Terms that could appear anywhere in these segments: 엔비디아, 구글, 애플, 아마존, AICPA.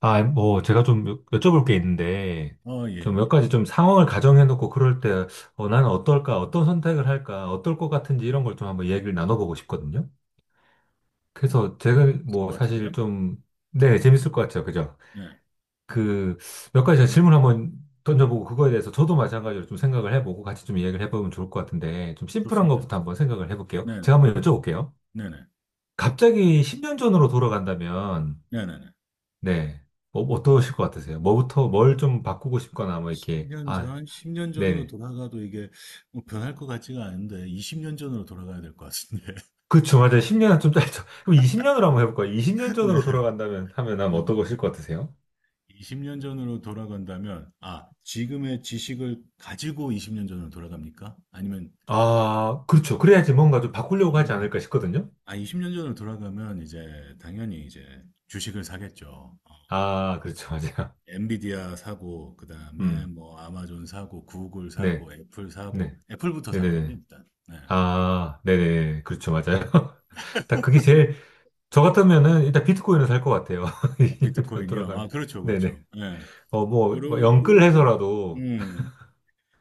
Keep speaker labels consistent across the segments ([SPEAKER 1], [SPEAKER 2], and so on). [SPEAKER 1] 아, 뭐, 제가 좀 여쭤볼 게 있는데,
[SPEAKER 2] 어, 예,
[SPEAKER 1] 좀 몇
[SPEAKER 2] 예.
[SPEAKER 1] 가지 좀 상황을 가정해놓고 그럴 때, 어, 나는 어떨까, 어떤 선택을 할까, 어떨 것 같은지 이런 걸 좀 한번 얘기를 나눠보고 싶거든요. 그래서 제가
[SPEAKER 2] 있을
[SPEAKER 1] 뭐,
[SPEAKER 2] 것
[SPEAKER 1] 사실
[SPEAKER 2] 같은데요?
[SPEAKER 1] 좀, 네, 재밌을 것 같아요. 그죠?
[SPEAKER 2] 네,
[SPEAKER 1] 그, 몇 가지 제가 질문 한번 던져보고 그거에 대해서 저도 마찬가지로 좀 생각을 해보고 같이 좀 이야기를 해보면 좋을 것 같은데, 좀 심플한
[SPEAKER 2] 좋습니다. 좋습니다.
[SPEAKER 1] 것부터 한번 생각을 해볼게요.
[SPEAKER 2] 네,
[SPEAKER 1] 제가 한번 여쭤볼게요.
[SPEAKER 2] 네네,
[SPEAKER 1] 갑자기 10년 전으로 돌아간다면,
[SPEAKER 2] 네네네.
[SPEAKER 1] 네. 뭐 어떠실 것 같으세요? 뭐부터, 뭘 좀 바꾸고 싶거나, 뭐, 이렇게.
[SPEAKER 2] 10년
[SPEAKER 1] 아,
[SPEAKER 2] 전, 10년 전으로
[SPEAKER 1] 네네.
[SPEAKER 2] 돌아가도 이게 뭐 변할 것 같지가 않은데, 20년 전으로 돌아가야 될 것 같은데.
[SPEAKER 1] 그쵸, 맞아요. 10년은 좀 짧죠. 그럼 20년으로 한번 해볼까요? 20년
[SPEAKER 2] 네,
[SPEAKER 1] 전으로 돌아간다면, 하면 아마
[SPEAKER 2] 네.
[SPEAKER 1] 어떠실 것 같으세요?
[SPEAKER 2] 20년 전으로 돌아간다면, 아, 지금의 지식을 가지고 20년 전으로 돌아갑니까? 아니면,
[SPEAKER 1] 아, 그렇죠. 그래야지 뭔가 좀 바꾸려고 하지 않을까 싶거든요.
[SPEAKER 2] 아, 20년 전으로 돌아가면 이제 당연히 이제 주식을 사겠죠.
[SPEAKER 1] 아, 그렇죠. 맞아요.
[SPEAKER 2] 엔비디아 사고, 그 다음에
[SPEAKER 1] 음,
[SPEAKER 2] 뭐 아마존 사고, 구글
[SPEAKER 1] 네,
[SPEAKER 2] 사고, 애플 사고,
[SPEAKER 1] 네,
[SPEAKER 2] 애플부터 사겠네,
[SPEAKER 1] 네네네.
[SPEAKER 2] 일단. 네.
[SPEAKER 1] 아, 네네. 그렇죠. 맞아요. 딱 그게 제일, 저 같으면은 일단 비트코인을 살 것 같아요. 20년 전으로
[SPEAKER 2] 비트코인이요. 아,
[SPEAKER 1] 돌아가면.
[SPEAKER 2] 그렇죠,
[SPEAKER 1] 네네.
[SPEAKER 2] 그렇죠. 예.
[SPEAKER 1] 어, 뭐
[SPEAKER 2] 그러고,
[SPEAKER 1] 영끌해서라도,
[SPEAKER 2] 음,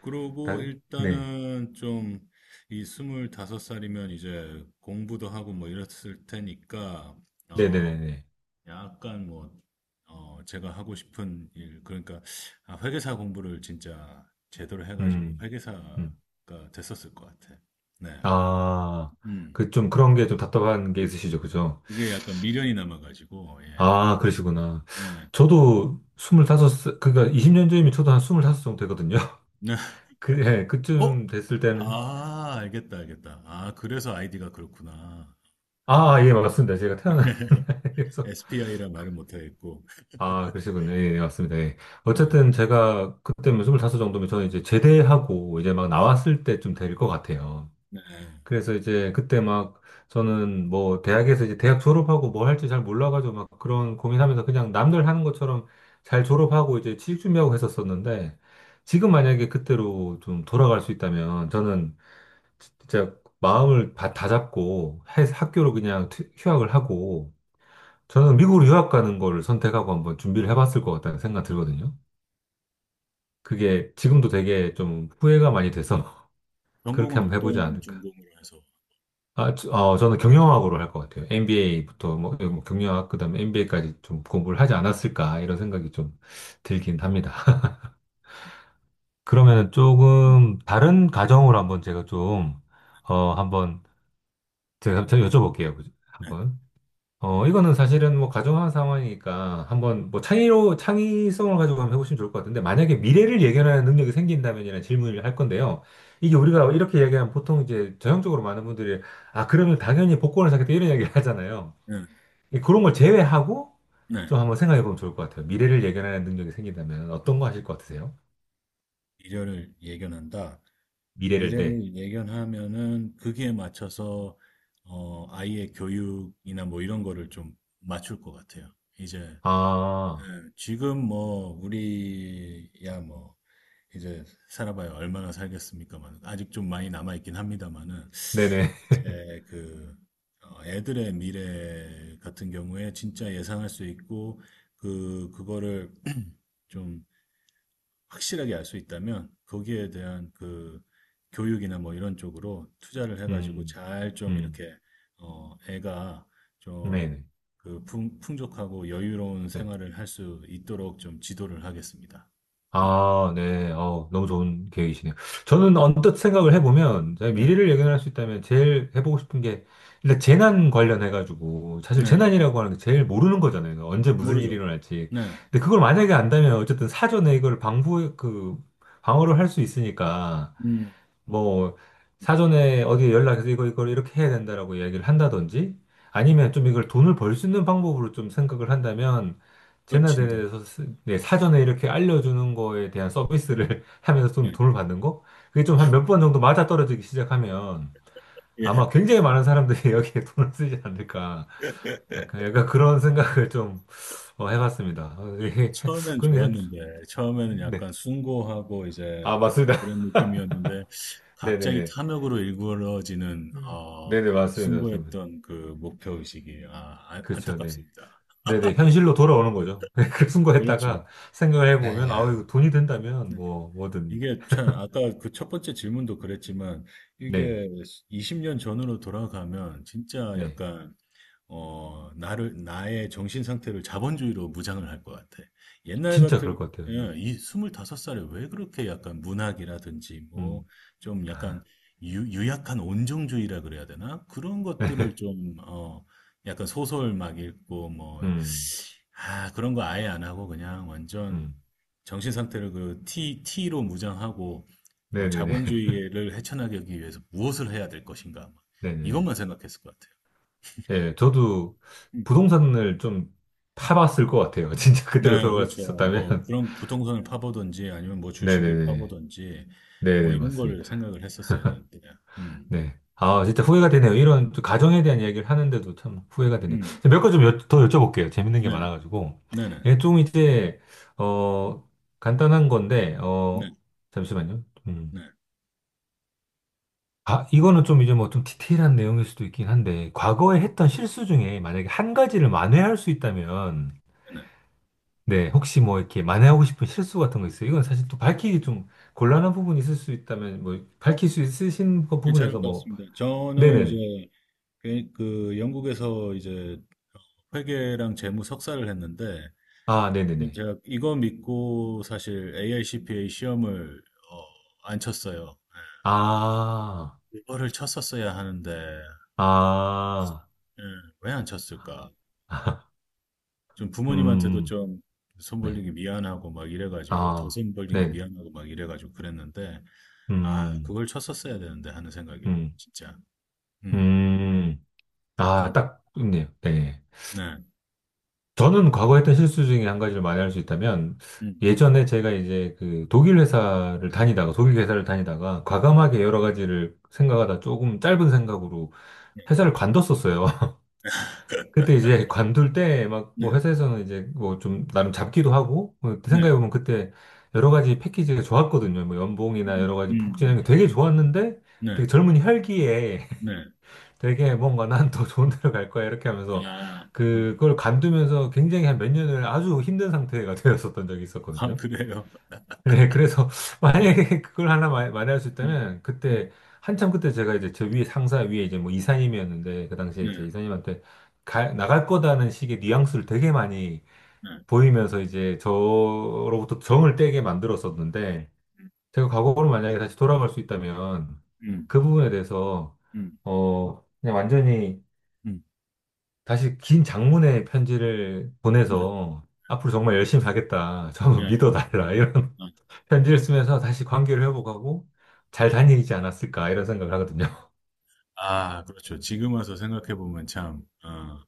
[SPEAKER 2] 그러고
[SPEAKER 1] 다- 네.
[SPEAKER 2] 일단은 좀 이 25살이면 이제 공부도 하고 뭐 이랬을 테니까, 어,
[SPEAKER 1] 네네네네.
[SPEAKER 2] 약간 뭐, 제가 하고 싶은 일, 그러니까, 아, 회계사 공부를 진짜 제대로 해가지고
[SPEAKER 1] 음,
[SPEAKER 2] 회계사가
[SPEAKER 1] 음.
[SPEAKER 2] 됐었을 것 같아. 네.
[SPEAKER 1] 아,
[SPEAKER 2] 음.
[SPEAKER 1] 그 좀 그런 게 좀 답답한 게 있으시죠, 그죠?
[SPEAKER 2] 그게 약간 미련이 남아가지고, 예.
[SPEAKER 1] 아, 그러시구나.
[SPEAKER 2] 예.
[SPEAKER 1] 저도 25, 그러니까 20년 전이면 저도 한 25살 정도 되거든요.
[SPEAKER 2] 네.
[SPEAKER 1] 그, 예,
[SPEAKER 2] 어?
[SPEAKER 1] 그쯤 됐을 때는,
[SPEAKER 2] 아, 알겠다, 알겠다. 아, 그래서 아이디가 그렇구나.
[SPEAKER 1] 아, 예, 맞습니다. 제가 태어난 서
[SPEAKER 2] SPI라 말을 못하겠고.
[SPEAKER 1] 아, 그러시군요. 예, 예, 맞습니다. 예.
[SPEAKER 2] 네,
[SPEAKER 1] 어쨌든 제가 그때면 25 정도면 저는 이제 제대하고 이제 막 나왔을 때쯤 될 것 같아요.
[SPEAKER 2] 네.
[SPEAKER 1] 그래서 이제 그때 막 저는 뭐 대학에서 이제 대학 졸업하고 뭐 할지 잘 몰라가지고 막 그런 고민하면서 그냥 남들 하는 것처럼 잘 졸업하고 이제 취직 준비하고 했었었는데 지금 만약에 그때로 좀 돌아갈 수 있다면 저는 진짜 마음을 다 잡고 학교로 그냥 휴학을 하고 저는 미국으로 유학 가는 거를 선택하고 한번 준비를 해봤을 것 같다는 생각 들거든요. 그게 지금도 되게 좀 후회가 많이 돼서 그렇게
[SPEAKER 2] 전공은
[SPEAKER 1] 한번 해보지
[SPEAKER 2] 어떤
[SPEAKER 1] 않을까.
[SPEAKER 2] 전공으로 해서?
[SPEAKER 1] 아, 저는 경영학으로 할 것 같아요. MBA부터 뭐 경영학 그다음에 MBA까지 좀 공부를 하지 않았을까 이런 생각이 좀 들긴 합니다. 그러면
[SPEAKER 2] 음,
[SPEAKER 1] 조금 다른 가정으로 한번 제가 좀 어, 한번 제가 제 여쭤볼게요. 그죠? 한번. 어, 이거는 사실은 뭐 가정한 상황이니까 한번 뭐 창의로 창의성을 가지고 한번 해보시면 좋을 것 같은데, 만약에 미래를 예견하는 능력이 생긴다면이라는 질문을 할 건데요. 이게 우리가 이렇게 얘기하면 보통 이제 전형적으로 많은 분들이 아, 그러면 당연히 복권을 사겠다 이런 이야기를 하잖아요.
[SPEAKER 2] 네,
[SPEAKER 1] 그런 걸 제외하고
[SPEAKER 2] 네.
[SPEAKER 1] 좀 한번 생각해 보면 좋을 것 같아요. 미래를 예견하는 능력이 생긴다면 어떤 거 하실 것 같으세요?
[SPEAKER 2] 미래를 예견한다.
[SPEAKER 1] 미래를, 네.
[SPEAKER 2] 미래를 예견하면은 거기에 맞춰서 아이의 교육이나 뭐 이런 거를 좀 맞출 것 같아요. 이제
[SPEAKER 1] 아,
[SPEAKER 2] 예, 지금 뭐 우리야 뭐 이제 살아봐야 얼마나 살겠습니까만 아직 좀 많이 남아 있긴 합니다만은
[SPEAKER 1] 네네.
[SPEAKER 2] 이제 그 애들의 미래 같은 경우에 진짜 예상할 수 있고 그거를 좀 확실하게 알 수 있다면 거기에 대한 그 교육이나 뭐 이런 쪽으로 투자를 해가지고
[SPEAKER 1] 음,
[SPEAKER 2] 잘 좀
[SPEAKER 1] 음,
[SPEAKER 2] 이렇게 애가 좀
[SPEAKER 1] 네네.
[SPEAKER 2] 그 풍족하고 여유로운
[SPEAKER 1] 네.
[SPEAKER 2] 생활을 할 수 있도록 좀 지도를 하겠습니다. 음.
[SPEAKER 1] 아, 네. 어, 너무 좋은 계획이시네요. 저는 언뜻 생각을 해보면, 제가
[SPEAKER 2] 네,
[SPEAKER 1] 미래를 예견할 수 있다면 제일 해보고 싶은 게, 일단 재난 관련해가지고, 사실
[SPEAKER 2] 네, 네.
[SPEAKER 1] 재난이라고 하는 게 제일 모르는 거잖아요. 그러니까 언제 무슨 일이
[SPEAKER 2] 모르죠.
[SPEAKER 1] 일어날지.
[SPEAKER 2] 네,
[SPEAKER 1] 근데 그걸 만약에 안다면, 어쨌든 사전에 이걸 방부, 그, 방어를 할 수 있으니까,
[SPEAKER 2] 음,
[SPEAKER 1] 뭐 사전에 어디 연락해서 이거 이걸 이렇게 해야 된다라고 이야기를 한다든지, 아니면 좀 이걸 돈을 벌 수 있는 방법으로 좀 생각을 한다면
[SPEAKER 2] 또 진다.
[SPEAKER 1] 재나대에서 네, 사전에 이렇게 알려주는 거에 대한 서비스를 하면서 좀
[SPEAKER 2] 네,
[SPEAKER 1] 돈을 받는 거, 그게 좀 한 몇 번 정도 맞아떨어지기 시작하면
[SPEAKER 2] 예.
[SPEAKER 1] 아마 굉장히 많은 사람들이 여기에 돈을 쓰지 않을까, 약간 약간 그런 생각을 좀 어, 해봤습니다. 어, 이게
[SPEAKER 2] 처음엔
[SPEAKER 1] 그런 게 좀,
[SPEAKER 2] 좋았는데, 처음에는
[SPEAKER 1] 네.
[SPEAKER 2] 약간 숭고하고 이제
[SPEAKER 1] 아, 맞습니다.
[SPEAKER 2] 그런 느낌이었는데, 갑자기
[SPEAKER 1] 네네네.
[SPEAKER 2] 탐욕으로 일그러지는, 어,
[SPEAKER 1] 네네, 맞습니다. 맞습니다.
[SPEAKER 2] 숭고했던 그 목표의식이, 아, 안-
[SPEAKER 1] 그렇죠, 네.
[SPEAKER 2] 안타깝습니다.
[SPEAKER 1] 네네, 현실로 돌아오는 거죠. 그
[SPEAKER 2] 그렇죠.
[SPEAKER 1] 순간에다가 생각을 해보면, 아우,
[SPEAKER 2] 예.
[SPEAKER 1] 이거 돈이 된다면, 뭐든.
[SPEAKER 2] 이게 참, 아까 그 첫 번째 질문도 그랬지만,
[SPEAKER 1] 네,
[SPEAKER 2] 이게 20년 전으로 돌아가면 진짜
[SPEAKER 1] 네.
[SPEAKER 2] 약간, 나의 정신 상태를 자본주의로 무장을 할 것 같아. 옛날
[SPEAKER 1] 진짜 그럴
[SPEAKER 2] 같은,
[SPEAKER 1] 것 같아요. 네.
[SPEAKER 2] 예, 이 25살에 왜 그렇게 약간 문학이라든지, 뭐,
[SPEAKER 1] 음,
[SPEAKER 2] 좀 약간 유약한 온정주의라 그래야 되나? 그런 것들을 좀, 약간 소설 막 읽고, 뭐,
[SPEAKER 1] 음,
[SPEAKER 2] 아, 그런 거 아예 안 하고 그냥 완전
[SPEAKER 1] 음.
[SPEAKER 2] 정신 상태를 그 T로 무장하고,
[SPEAKER 1] 네네네,
[SPEAKER 2] 자본주의를 헤쳐나가기 위해서 무엇을 해야 될 것인가. 막
[SPEAKER 1] 네네.
[SPEAKER 2] 이것만 생각했을 것 같아요.
[SPEAKER 1] 예, 저도 부동산을 좀 타봤을 것 같아요. 진짜 그때로
[SPEAKER 2] 네,
[SPEAKER 1] 돌아갈 수
[SPEAKER 2] 그렇죠. 뭐
[SPEAKER 1] 있었다면.
[SPEAKER 2] 그런 부동산을 파보든지 아니면 뭐 주식을
[SPEAKER 1] 네네네.
[SPEAKER 2] 파보든지 뭐
[SPEAKER 1] 네네,
[SPEAKER 2] 이런 걸
[SPEAKER 1] 맞습니다.
[SPEAKER 2] 생각을 했었어야 되는데. 음,
[SPEAKER 1] 네. 아, 진짜 후회가 되네요. 이런 또 가정에 대한 이야기를 하는데도 참 후회가 되네요.
[SPEAKER 2] 음,
[SPEAKER 1] 몇 가지 좀더 여쭤볼게요. 재밌는 게
[SPEAKER 2] 네네,
[SPEAKER 1] 많아가지고.
[SPEAKER 2] 네네,
[SPEAKER 1] 예, 좀 이제, 어, 간단한 건데,
[SPEAKER 2] 네,
[SPEAKER 1] 어, 잠시만요. 음.
[SPEAKER 2] 네,
[SPEAKER 1] 아, 이거는 좀 이제 뭐 좀 디테일한 내용일 수도 있긴 한데, 과거에 했던 실수 중에 만약에 한 가지를 만회할 수 있다면,
[SPEAKER 2] 네.
[SPEAKER 1] 네, 혹시 뭐 이렇게 만회하고 싶은 실수 같은 거 있어요? 이건 사실 또 밝히기 좀 곤란한 부분이 있을 수 있다면, 뭐,
[SPEAKER 2] 어,
[SPEAKER 1] 밝힐 수 있으신 그
[SPEAKER 2] 괜찮을
[SPEAKER 1] 부분에서
[SPEAKER 2] 것
[SPEAKER 1] 뭐,
[SPEAKER 2] 같습니다. 저는
[SPEAKER 1] 네네.
[SPEAKER 2] 이제 그 영국에서 이제 회계랑 재무 석사를 했는데
[SPEAKER 1] 아, 네네네.
[SPEAKER 2] 제가 이거 믿고 사실 AICPA 시험을 어, 안 쳤어요.
[SPEAKER 1] 아,
[SPEAKER 2] 이거를 쳤었어야 하는데
[SPEAKER 1] 아,
[SPEAKER 2] 예, 왜안 쳤을까? 좀 부모님한테도
[SPEAKER 1] 음,
[SPEAKER 2] 좀 손
[SPEAKER 1] 네,
[SPEAKER 2] 벌린 게 미안하고 막 이래가지고 더
[SPEAKER 1] 아,
[SPEAKER 2] 손 벌린 게
[SPEAKER 1] 네,
[SPEAKER 2] 미안하고 막 이래가지고 그랬는데 아
[SPEAKER 1] 음,
[SPEAKER 2] 그걸 쳤었어야 되는데 하는 생각이
[SPEAKER 1] 음,
[SPEAKER 2] 진짜 음,
[SPEAKER 1] 음, 아,
[SPEAKER 2] 음,
[SPEAKER 1] 딱 있네요. 네.
[SPEAKER 2] 네,
[SPEAKER 1] 저는 과거 했던 실수 중에 한 가지를 말할 수 있다면,
[SPEAKER 2] 음,
[SPEAKER 1] 예전에 제가 이제 그 독일 회사를 다니다가, 과감하게 여러 가지를 생각하다 조금 짧은 생각으로
[SPEAKER 2] 네,
[SPEAKER 1] 회사를 관뒀었어요. 그때 이제 관둘 때 막
[SPEAKER 2] 네,
[SPEAKER 1] 뭐 회사에서는 이제 뭐 좀 나름 잡기도 하고 뭐
[SPEAKER 2] 네,
[SPEAKER 1] 생각해보면 그때 여러 가지 패키지가 좋았거든요. 뭐
[SPEAKER 2] 음,
[SPEAKER 1] 연봉이나 여러
[SPEAKER 2] 음,
[SPEAKER 1] 가지 복지나
[SPEAKER 2] 음,
[SPEAKER 1] 이런 게
[SPEAKER 2] 음.
[SPEAKER 1] 되게 좋았는데
[SPEAKER 2] 네,
[SPEAKER 1] 되게 젊은 혈기에
[SPEAKER 2] 네,
[SPEAKER 1] 되게 뭔가 난 더 좋은 데로 갈 거야 이렇게 하면서
[SPEAKER 2] 아, 어,
[SPEAKER 1] 그걸 관두면서 굉장히 한 몇 년을 아주 힘든 상태가 되었었던 적이
[SPEAKER 2] 아
[SPEAKER 1] 있었거든요.
[SPEAKER 2] 그래요,
[SPEAKER 1] 그래, 그래서
[SPEAKER 2] 네,
[SPEAKER 1] 만약에 그걸 하나 마련할 수
[SPEAKER 2] 음,
[SPEAKER 1] 있다면 그때
[SPEAKER 2] 음,
[SPEAKER 1] 한참 그때 제가 이제 저 위에 상사 위에 이제 뭐 이사님이었는데, 그 당시에
[SPEAKER 2] 네,
[SPEAKER 1] 이제 이사님한테 나갈 거다는 식의 뉘앙스를 되게 많이
[SPEAKER 2] 네,
[SPEAKER 1] 보이면서 이제 저로부터 정을 떼게 만들었었는데 제가 과거로 만약에 다시 돌아갈 수 있다면
[SPEAKER 2] 음,
[SPEAKER 1] 그 부분에 대해서
[SPEAKER 2] 음,
[SPEAKER 1] 어 그냥 완전히
[SPEAKER 2] 음,
[SPEAKER 1] 다시 긴 장문의 편지를
[SPEAKER 2] 네,
[SPEAKER 1] 보내서 앞으로 정말 열심히 하겠다. 저
[SPEAKER 2] 네,
[SPEAKER 1] 한번 믿어달라. 이런
[SPEAKER 2] 네.
[SPEAKER 1] 편지를 쓰면서 다시 관계를 회복하고 잘 다니지 않았을까 이런 생각을 하거든요.
[SPEAKER 2] 아 그렇죠. 지금 와서 생각해 보면 참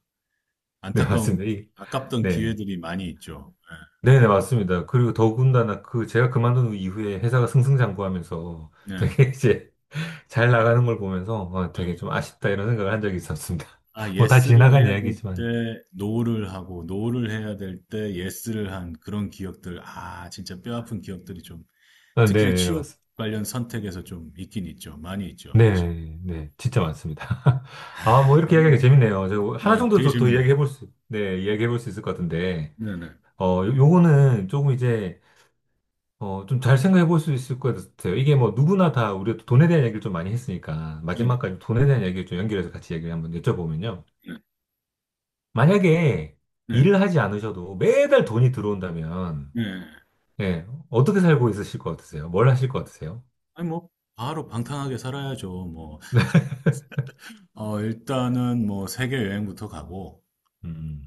[SPEAKER 1] 네,
[SPEAKER 2] 안타까운
[SPEAKER 1] 맞습니다.
[SPEAKER 2] 아깝던
[SPEAKER 1] 네.
[SPEAKER 2] 기회들이 많이 있죠. 네.
[SPEAKER 1] 네네, 맞습니다. 그리고 더군다나 그 제가 그만둔 이후에 회사가 승승장구하면서
[SPEAKER 2] 네.
[SPEAKER 1] 되게 이제 잘 나가는 걸 보면서 어, 되게
[SPEAKER 2] 음.
[SPEAKER 1] 좀 아쉽다 이런 생각을 한 적이 있었습니다.
[SPEAKER 2] 아,
[SPEAKER 1] 뭐 다
[SPEAKER 2] 예스를
[SPEAKER 1] 지나간
[SPEAKER 2] 해야 될
[SPEAKER 1] 이야기지만.
[SPEAKER 2] 때 노를 하고 노를 해야 될 때 예스를 한 그런 기억들. 아, 진짜 뼈아픈 기억들이 좀
[SPEAKER 1] 어,
[SPEAKER 2] 특히나
[SPEAKER 1] 네네네,
[SPEAKER 2] 취업
[SPEAKER 1] 맞습니다.
[SPEAKER 2] 관련 선택에서 좀 있긴 있죠. 많이 있죠, 사실.
[SPEAKER 1] 네네네, 네, 네, 진짜 많습니다. 아, 뭐
[SPEAKER 2] 아,
[SPEAKER 1] 이렇게
[SPEAKER 2] 예.
[SPEAKER 1] 이야기하기 재밌네요. 제가 하나
[SPEAKER 2] 네,
[SPEAKER 1] 정도
[SPEAKER 2] 되게
[SPEAKER 1] 더
[SPEAKER 2] 재밌네요.
[SPEAKER 1] 이야기해볼 수, 네, 이야기해볼 수 있을 것 같은데.
[SPEAKER 2] 네네.
[SPEAKER 1] 어, 요거는 조금 이제 어, 좀 잘 생각해 볼 수 있을 것 같아요. 이게 뭐 누구나 다 우리가 돈에 대한 얘기를 좀 많이 했으니까
[SPEAKER 2] 네네.
[SPEAKER 1] 마지막까지 돈에 대한 얘기를 좀 연결해서 같이 얘기를 한번 여쭤보면요.
[SPEAKER 2] 네.
[SPEAKER 1] 만약에
[SPEAKER 2] 네. 네.
[SPEAKER 1] 일을 하지 않으셔도 매달 돈이 들어온다면,
[SPEAKER 2] 네. 네.
[SPEAKER 1] 예, 어떻게 살고 있으실 것 같으세요? 뭘 하실 것 같으세요?
[SPEAKER 2] 아니, 뭐, 바로 방탕하게 살아야죠. 뭐, 일단은 뭐, 세계 여행부터 가고,
[SPEAKER 1] 음,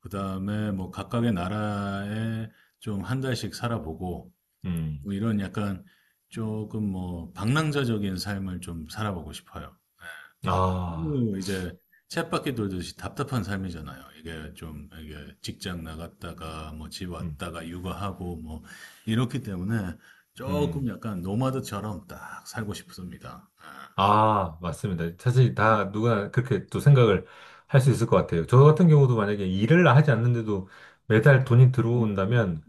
[SPEAKER 2] 그 다음에 뭐, 각각의 나라에 좀 한 달씩 살아보고,
[SPEAKER 1] 음,
[SPEAKER 2] 뭐 이런 약간 조금 뭐 방랑자적인 삶을 좀 살아보고 싶어요.
[SPEAKER 1] 아,
[SPEAKER 2] 너무 이제 쳇바퀴 돌듯이 답답한 삶이잖아요. 이게 좀 이게 직장 나갔다가 뭐 집
[SPEAKER 1] 음,
[SPEAKER 2] 왔다가 육아하고 뭐 이렇기 때문에 조금
[SPEAKER 1] 음,
[SPEAKER 2] 약간 노마드처럼 딱 살고 싶습니다.
[SPEAKER 1] 아, 맞습니다. 사실 다 누가 그렇게 또 생각을 할 수 있을 것 같아요. 저 같은 경우도 만약에 일을 하지 않는데도 매달 돈이
[SPEAKER 2] 네.
[SPEAKER 1] 들어온다면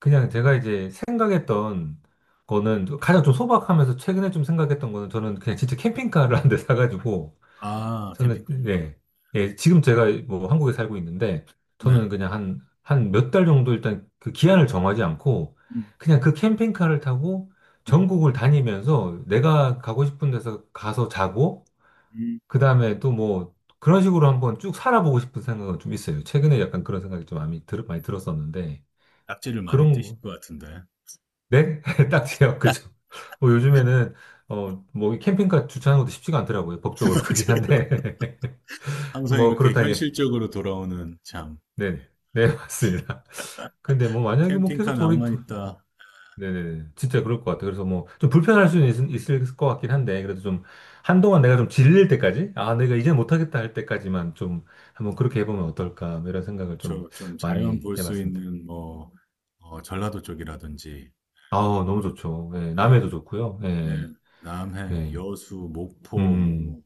[SPEAKER 1] 그냥 제가 이제 생각했던 거는 좀- 가장 좀 소박하면서 최근에 좀 생각했던 거는 저는 그냥 진짜 캠핑카를 한 대 사가지고
[SPEAKER 2] 아,
[SPEAKER 1] 저는
[SPEAKER 2] 캠핑카.
[SPEAKER 1] 예, 예, 지금 제가 뭐 한국에 살고 있는데
[SPEAKER 2] 네.
[SPEAKER 1] 저는 그냥 한 몇 달 정도 일단 그 기한을 정하지 않고
[SPEAKER 2] 음,
[SPEAKER 1] 그냥 그 캠핑카를 타고
[SPEAKER 2] 네.
[SPEAKER 1] 전국을 다니면서 내가 가고 싶은 데서 가서 자고
[SPEAKER 2] 음.
[SPEAKER 1] 그 다음에 또 뭐 그런 식으로 한번 쭉 살아보고 싶은 생각은 좀 있어요. 최근에 약간 그런 생각이 좀 많이 들었었는데
[SPEAKER 2] 낙지를 많이
[SPEAKER 1] 그런
[SPEAKER 2] 뜨실
[SPEAKER 1] 거.
[SPEAKER 2] 것 같은데.
[SPEAKER 1] 네? 딱지요. 그죠. 뭐 요즘에는 어, 뭐이 캠핑카 주차하는 것도 쉽지가 않더라고요. 법적으로 그긴
[SPEAKER 2] 맞아요.
[SPEAKER 1] 한데.
[SPEAKER 2] 항상
[SPEAKER 1] 뭐
[SPEAKER 2] 이렇게
[SPEAKER 1] 그렇다니.
[SPEAKER 2] 현실적으로 돌아오는 참
[SPEAKER 1] 네네. 네, 맞습니다. 근데 뭐 만약에 뭐 계속
[SPEAKER 2] 캠핑카 낭만 있다.
[SPEAKER 1] 네네네. 진짜 그럴 것 같아요. 그래서 뭐 좀 불편할 수는 있, 을것 같긴 한데 그래도 좀 한동안 내가 좀 질릴 때까지 아, 내가 이제 못하겠다 할 때까지만 좀 한번 그렇게 해보면 어떨까 뭐 이런 생각을 좀
[SPEAKER 2] 저 좀 자연
[SPEAKER 1] 많이
[SPEAKER 2] 볼 수
[SPEAKER 1] 해봤습니다.
[SPEAKER 2] 있는 뭐 전라도 쪽이라든지
[SPEAKER 1] 아우, 너무 좋죠. 예, 남해도
[SPEAKER 2] 예,
[SPEAKER 1] 좋고요.
[SPEAKER 2] 예,
[SPEAKER 1] 예.
[SPEAKER 2] 남해,
[SPEAKER 1] 네.
[SPEAKER 2] 여수,
[SPEAKER 1] 음.
[SPEAKER 2] 목포, 뭐
[SPEAKER 1] 음.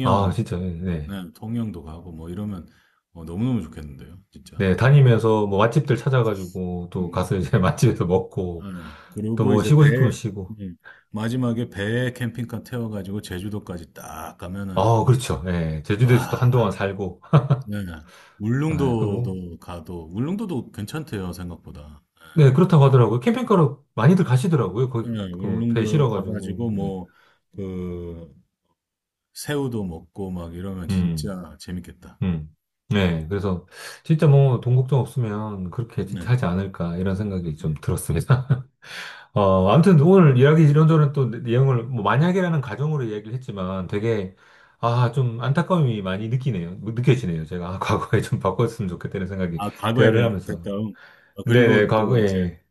[SPEAKER 1] 아, 진짜, 예, 네.
[SPEAKER 2] 네, 통영도 가고 뭐 이러면 너무너무 좋겠는데요, 진짜.
[SPEAKER 1] 네, 다니면서 뭐 맛집들 찾아가지고 또
[SPEAKER 2] 음,
[SPEAKER 1] 가서 이제 맛집에서
[SPEAKER 2] 예.
[SPEAKER 1] 먹고 또
[SPEAKER 2] 그리고
[SPEAKER 1] 뭐
[SPEAKER 2] 이제 배
[SPEAKER 1] 쉬고 싶으면 쉬고.
[SPEAKER 2] 음, 마지막에 배에 캠핑카 태워가지고 제주도까지 딱 가면은
[SPEAKER 1] 아, 그렇죠. 예. 제주도에서 또
[SPEAKER 2] 와,
[SPEAKER 1] 한동안 살고.
[SPEAKER 2] 네.
[SPEAKER 1] 예, 그 뭐.
[SPEAKER 2] 울릉도도 가도 울릉도도 괜찮대요 생각보다.
[SPEAKER 1] 네, 그렇다고 하더라고요. 캠핑카로 많이들 가시더라고요.
[SPEAKER 2] 예,
[SPEAKER 1] 거기 그배
[SPEAKER 2] 울릉도
[SPEAKER 1] 실어가지고.
[SPEAKER 2] 가가지고
[SPEAKER 1] 네.
[SPEAKER 2] 뭐그 새우도 먹고 막 이러면
[SPEAKER 1] 음,
[SPEAKER 2] 진짜 재밌겠다.
[SPEAKER 1] 음.
[SPEAKER 2] 음.
[SPEAKER 1] 네, 그래서 진짜 뭐 돈 걱정 없으면 그렇게 진짜
[SPEAKER 2] 네.
[SPEAKER 1] 하지 않을까 이런 생각이 좀 들었습니다. 어, 아무튼 오늘 이야기 이런저런 또 내용을 뭐 만약이라는 가정으로 이야기를 했지만 되게 아, 좀 안타까움이 많이 느끼네요. 뭐 느껴지네요. 제가 아, 과거에 좀 바꿨으면 좋겠다는 생각이
[SPEAKER 2] 아, 과거에
[SPEAKER 1] 대화를
[SPEAKER 2] 대한
[SPEAKER 1] 하면서.
[SPEAKER 2] 안타까움. 아,
[SPEAKER 1] 네네,
[SPEAKER 2] 그리고 또 이제
[SPEAKER 1] 과거에.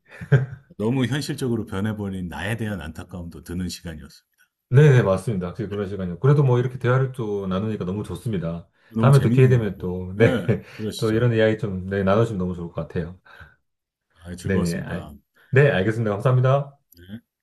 [SPEAKER 2] 너무 현실적으로 변해버린 나에 대한 안타까움도 드는 시간이었어요.
[SPEAKER 1] 네네, 맞습니다. 확실히 그런 시간이요. 그래도 뭐 이렇게 대화를 또 나누니까 너무 좋습니다.
[SPEAKER 2] 너무
[SPEAKER 1] 다음에 또 기회
[SPEAKER 2] 재밌네요.
[SPEAKER 1] 되면
[SPEAKER 2] 이게.
[SPEAKER 1] 또, 네,
[SPEAKER 2] 네,
[SPEAKER 1] 또
[SPEAKER 2] 그러시죠.
[SPEAKER 1] 이런 이야기 좀 네, 나눠주면 너무 좋을 것 같아요.
[SPEAKER 2] 아,
[SPEAKER 1] 네네, 알,
[SPEAKER 2] 즐거웠습니다.
[SPEAKER 1] 네, 알겠습니다. 감사합니다.
[SPEAKER 2] 네.